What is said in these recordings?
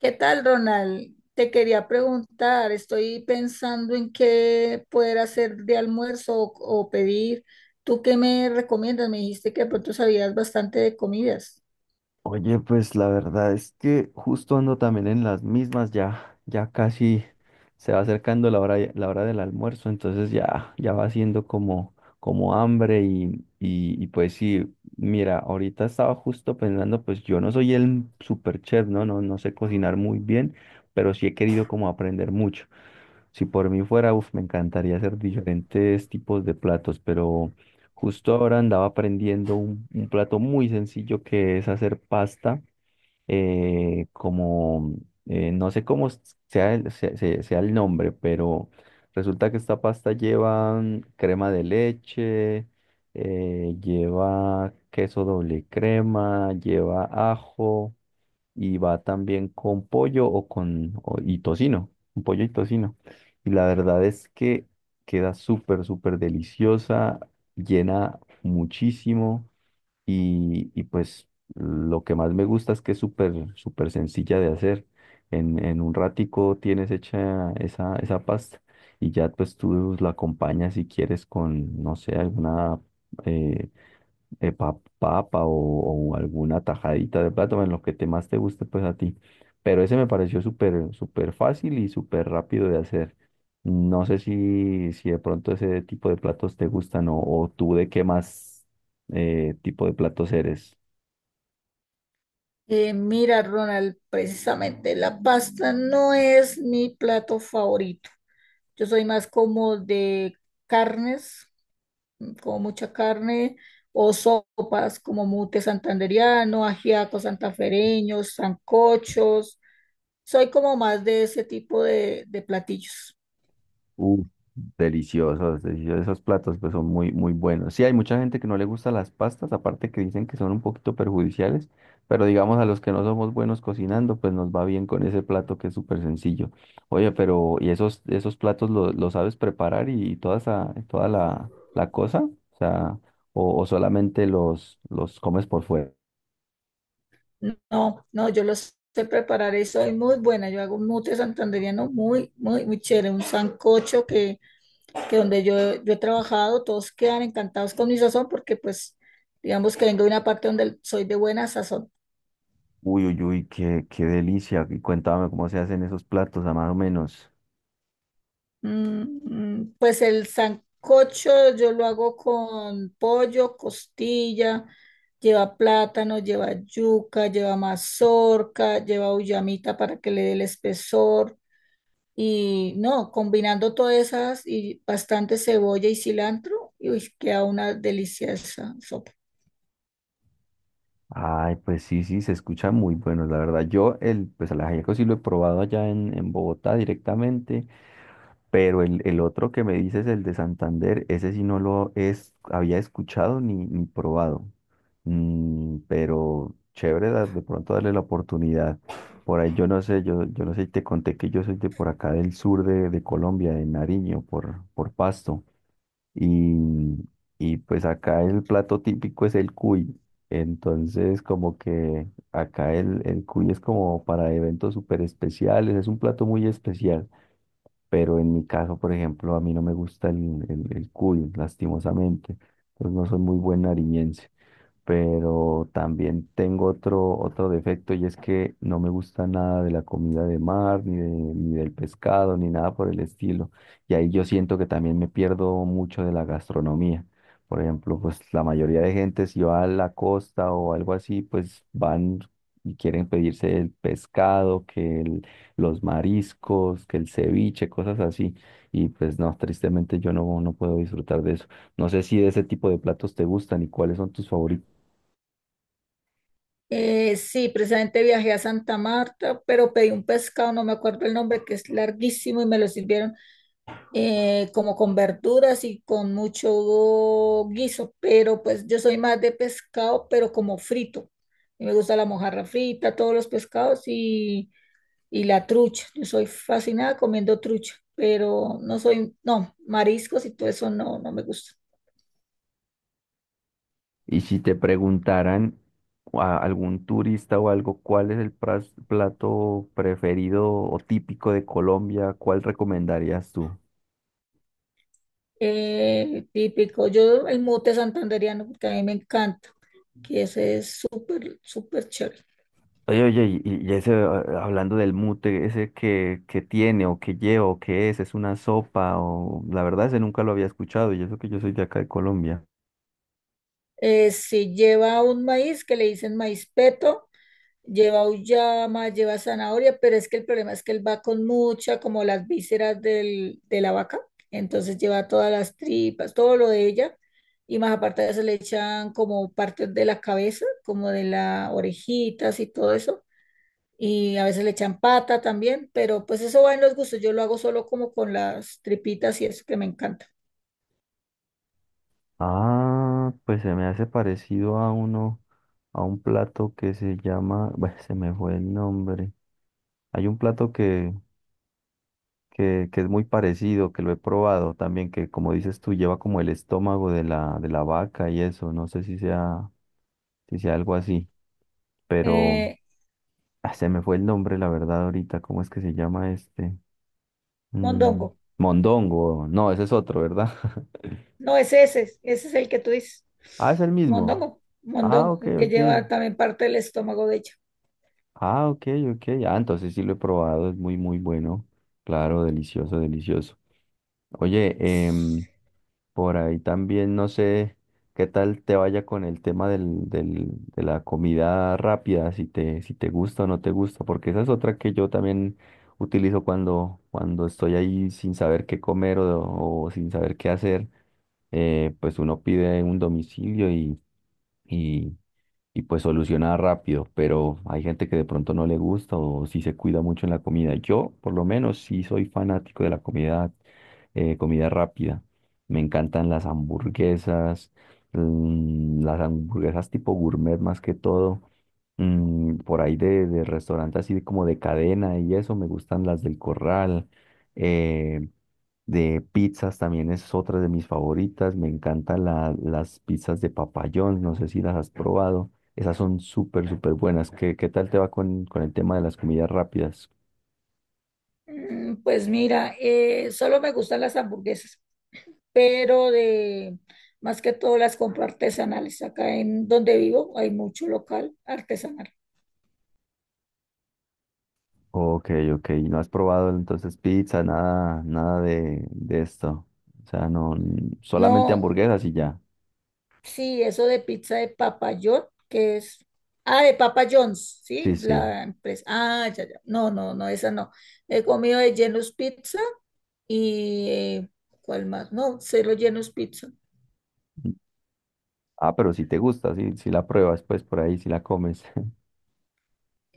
¿Qué tal, Ronald? Te quería preguntar, estoy pensando en qué poder hacer de almuerzo o pedir. ¿Tú qué me recomiendas? Me dijiste que de pronto sabías bastante de comidas. Oye, pues la verdad es que justo ando también en las mismas, ya, ya casi se va acercando la hora del almuerzo, entonces ya, ya va siendo como, como hambre y pues sí, mira, ahorita estaba justo pensando, pues yo no soy el super chef, ¿no? No sé cocinar muy bien, pero sí he querido como aprender mucho. Si por mí fuera, uf, me encantaría hacer diferentes tipos de platos, pero justo ahora andaba aprendiendo un plato muy sencillo que es hacer pasta, eh, como, no sé cómo sea sea el nombre, pero resulta que esta pasta lleva crema de leche, lleva queso doble crema, lleva ajo y va también con pollo o y tocino, con pollo y tocino. Y la verdad es que queda súper, súper deliciosa, llena muchísimo y pues lo que más me gusta es que es súper, súper sencilla de hacer. En un ratico tienes hecha esa pasta y ya pues tú la acompañas si quieres con, no sé, alguna... eh, papa o alguna tajadita de plátano, en lo que te más te guste, pues a ti. Pero ese me pareció súper, súper fácil y súper rápido de hacer. No sé si de pronto ese tipo de platos te gustan o tú de qué más tipo de platos eres. Mira, Ronald, precisamente la pasta no es mi plato favorito. Yo soy más como de carnes, como mucha carne, o sopas como mute santandereano, ajiaco santafereño, sancochos. Soy como más de ese tipo de platillos. Uf, deliciosos, deliciosos. Esos platos pues son muy, muy buenos. Sí, hay mucha gente que no le gusta las pastas, aparte que dicen que son un poquito perjudiciales, pero digamos a los que no somos buenos cocinando, pues nos va bien con ese plato que es súper sencillo. Oye, pero ¿y esos platos lo sabes preparar y toda esa, toda la cosa? O sea, o solamente los comes por fuera. No, no, no, yo los sé preparar y soy muy buena. Yo hago un mute santandereano muy, muy, muy chévere. Un sancocho que donde yo he trabajado, todos quedan encantados con mi sazón, porque pues digamos que vengo de una parte donde soy de buena sazón. Uy, uy, uy, qué, qué delicia. Y cuéntame cómo se hacen esos platos, a más o menos. Mm, mm, pues el sancocho yo lo hago con pollo, costilla, lleva plátano, lleva yuca, lleva mazorca, lleva uyamita para que le dé el espesor. Y no, combinando todas esas y bastante cebolla y cilantro, y uy, queda una deliciosa sopa. Ay, pues sí, sí, se escucha muy bueno, la verdad. Yo el, pues el ajiaco sí lo he probado allá en Bogotá directamente, pero el otro que me dices, el de Santander, ese sí no lo es, había escuchado ni, ni probado. Mm, pero chévere de pronto darle la oportunidad. Por ahí yo no sé, yo no sé si te conté que yo soy de por acá del sur de Colombia, de Nariño, por Pasto. Y, y pues acá el plato típico es el cuy. Entonces, como que acá el cuy es como para eventos súper especiales, es un plato muy especial. Pero en mi caso, por ejemplo, a mí no me gusta el cuy, lastimosamente. Pues no soy muy buen nariñense, pero también tengo otro, otro defecto y es que no me gusta nada de la comida de mar, ni, ni del pescado, ni nada por el estilo. Y ahí yo siento que también me pierdo mucho de la gastronomía. Por ejemplo, pues la mayoría de gente si va a la costa o algo así, pues van y quieren pedirse el pescado, los mariscos, que el ceviche, cosas así. Y pues no, tristemente yo no, no puedo disfrutar de eso. No sé si de ese tipo de platos te gustan y cuáles son tus favoritos. Sí, precisamente viajé a Santa Marta, pero pedí un pescado, no me acuerdo el nombre, que es larguísimo y me lo sirvieron, como con verduras y con mucho guiso, pero pues yo soy más de pescado, pero como frito. Y me gusta la mojarra frita, todos los pescados y la trucha. Yo soy fascinada comiendo trucha, pero no soy, no, mariscos y todo eso no, no me gusta. Y si te preguntaran a algún turista o algo, ¿cuál es el plato preferido o típico de Colombia? ¿Cuál recomendarías tú? Típico, yo el mute santandereano, porque a mí me encanta, que ese es súper, súper chévere. Oye, oye, y ese, ah, hablando del mute, ese que tiene o que lleva o que es una sopa o la verdad ese nunca lo había escuchado y eso que yo soy de acá de Colombia. Si lleva un maíz que le dicen maíz peto, lleva uyama, lleva zanahoria, pero es que el problema es que él va con mucha, como las vísceras de la vaca, entonces lleva todas las tripas, todo lo de ella, y más aparte de eso le echan como partes de la cabeza, como de las orejitas y todo eso, y a veces le echan pata también, pero pues eso va en los gustos, yo lo hago solo como con las tripitas y eso que me encanta. Ah, pues se me hace parecido a uno, a un plato que se llama, bueno, se me fue el nombre. Hay un plato que es muy parecido, que lo he probado también, que como dices tú, lleva como el estómago de la vaca y eso, no sé si sea, si sea algo así, pero Eh, ah, se me fue el nombre, la verdad, ahorita, ¿cómo es que se llama este? Mm, mondongo, mondongo, no, ese es otro, ¿verdad? no, ese es el que tú dices, Ah, es el mismo. mondongo. Ah, Mondongo, ok, el que lleva ok. también parte del estómago de ella. Ah, ok, ok. Ah, entonces sí lo he probado, es muy, muy bueno. Claro, delicioso, delicioso. Oye, por ahí también no sé qué tal te vaya con el tema del, del- de la comida rápida, si te, si te gusta o no te gusta, porque esa es otra que yo también utilizo cuando, cuando estoy ahí sin saber qué comer o sin saber qué hacer, pues uno pide un domicilio y, y pues soluciona rápido, pero hay gente que de pronto no le gusta o si se cuida mucho en la comida. Yo, por lo menos, sí soy fanático de la comida, comida rápida. Me encantan las hamburguesas, mm, las hamburguesas tipo gourmet más que todo. Mm, por ahí de restaurante así de como de cadena y eso, me gustan las del Corral. Eh, de pizzas también es otra de mis favoritas. Me encantan las pizzas de papayón, no sé si las has probado. Esas son súper, súper buenas. ¿Qué, qué tal te va con el tema de las comidas rápidas? Mm, pues mira, solo me gustan las hamburguesas, pero de más que todo las compro artesanales. Acá en donde vivo hay mucho local artesanal. Ok, ok. ¿No has probado entonces pizza, nada, nada de, de esto? O sea, no, solamente No, hamburguesas y ya. sí, eso de pizza de Papa John, que es, ah, de Papa John's, sí, Sí, sí. la empresa. Ah, ya, ya. No, no, no, esa no. He comido de Genus Pizza y ¿cuál más? No, solo Genus Pizza. Ah, pero si te gusta, si, si la pruebas, pues por ahí, si la comes.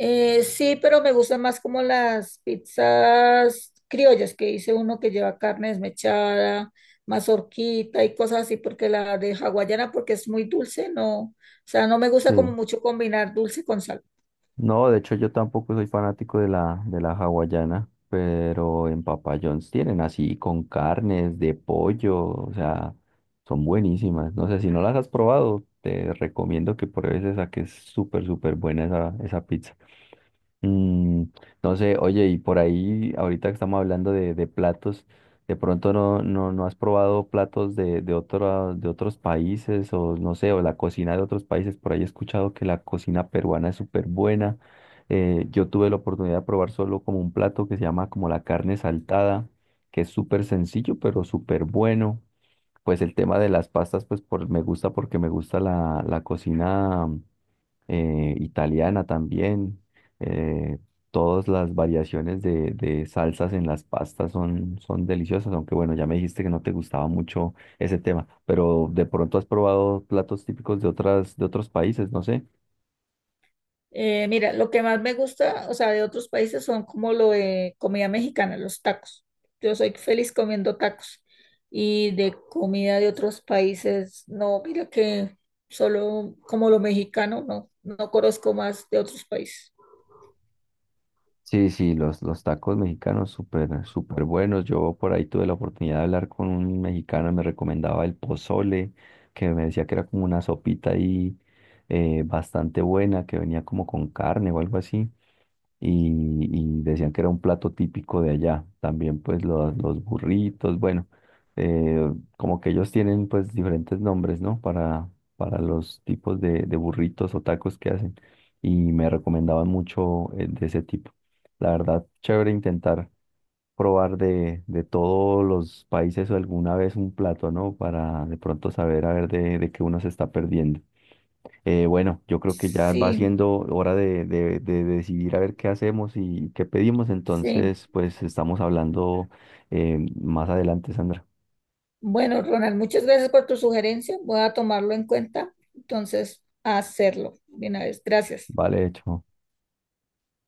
Sí, pero me gustan más como las pizzas criollas, que hice uno que lleva carne desmechada, mazorquita y cosas así, porque la de hawaiana, porque es muy dulce, no, o sea, no me gusta como Sí. mucho combinar dulce con salado. No, de hecho yo tampoco soy fanático de la hawaiana, pero en Papa John's tienen así con carnes de pollo, o sea, son buenísimas. No sé, si no las has probado, te recomiendo que pruebes esa, que es súper, súper buena esa, esa pizza. Mm, no sé, oye, y por ahí, ahorita que estamos hablando de platos, de pronto no, no, no has probado platos de de otros países, o no sé, o la cocina de otros países, por ahí he escuchado que la cocina peruana es súper buena. Yo tuve la oportunidad de probar solo como un plato que se llama como la carne saltada, que es súper sencillo, pero súper bueno. Pues el tema de las pastas, pues por, me gusta porque me gusta la cocina italiana también. eh, Todas las variaciones de salsas en las pastas son, son deliciosas, aunque bueno, ya me dijiste que no te gustaba mucho ese tema, pero de pronto has probado platos típicos de otras, de otros países, no sé. Mira, lo que más me gusta, o sea, de otros países son como lo de comida mexicana, los tacos. Yo soy feliz comiendo tacos. Y de comida de otros países, no, mira que solo como lo mexicano, no, no conozco más de otros países. Sí, sí, los tacos mexicanos súper, súper buenos. Yo por ahí tuve la oportunidad de hablar con un mexicano, me recomendaba el pozole, que me decía que era como una sopita ahí bastante buena, que venía como con carne o algo así. Y, y decían que era un plato típico de allá. También pues los burritos, bueno, eh, como que ellos tienen pues diferentes nombres, ¿no? Para los tipos de burritos o tacos que hacen. Y me recomendaban mucho de ese tipo. La verdad, chévere intentar probar de todos los países o alguna vez un plato, ¿no? Para de pronto saber a ver de qué uno se está perdiendo. Bueno, yo creo que ya va Sí, siendo hora de decidir a ver qué hacemos y qué pedimos. sí. Entonces, pues estamos hablando más adelante, Sandra. Bueno, Ronald, muchas gracias por tu sugerencia. Voy a tomarlo en cuenta. Entonces, a hacerlo. Bien, a ver, gracias. Vale, hecho.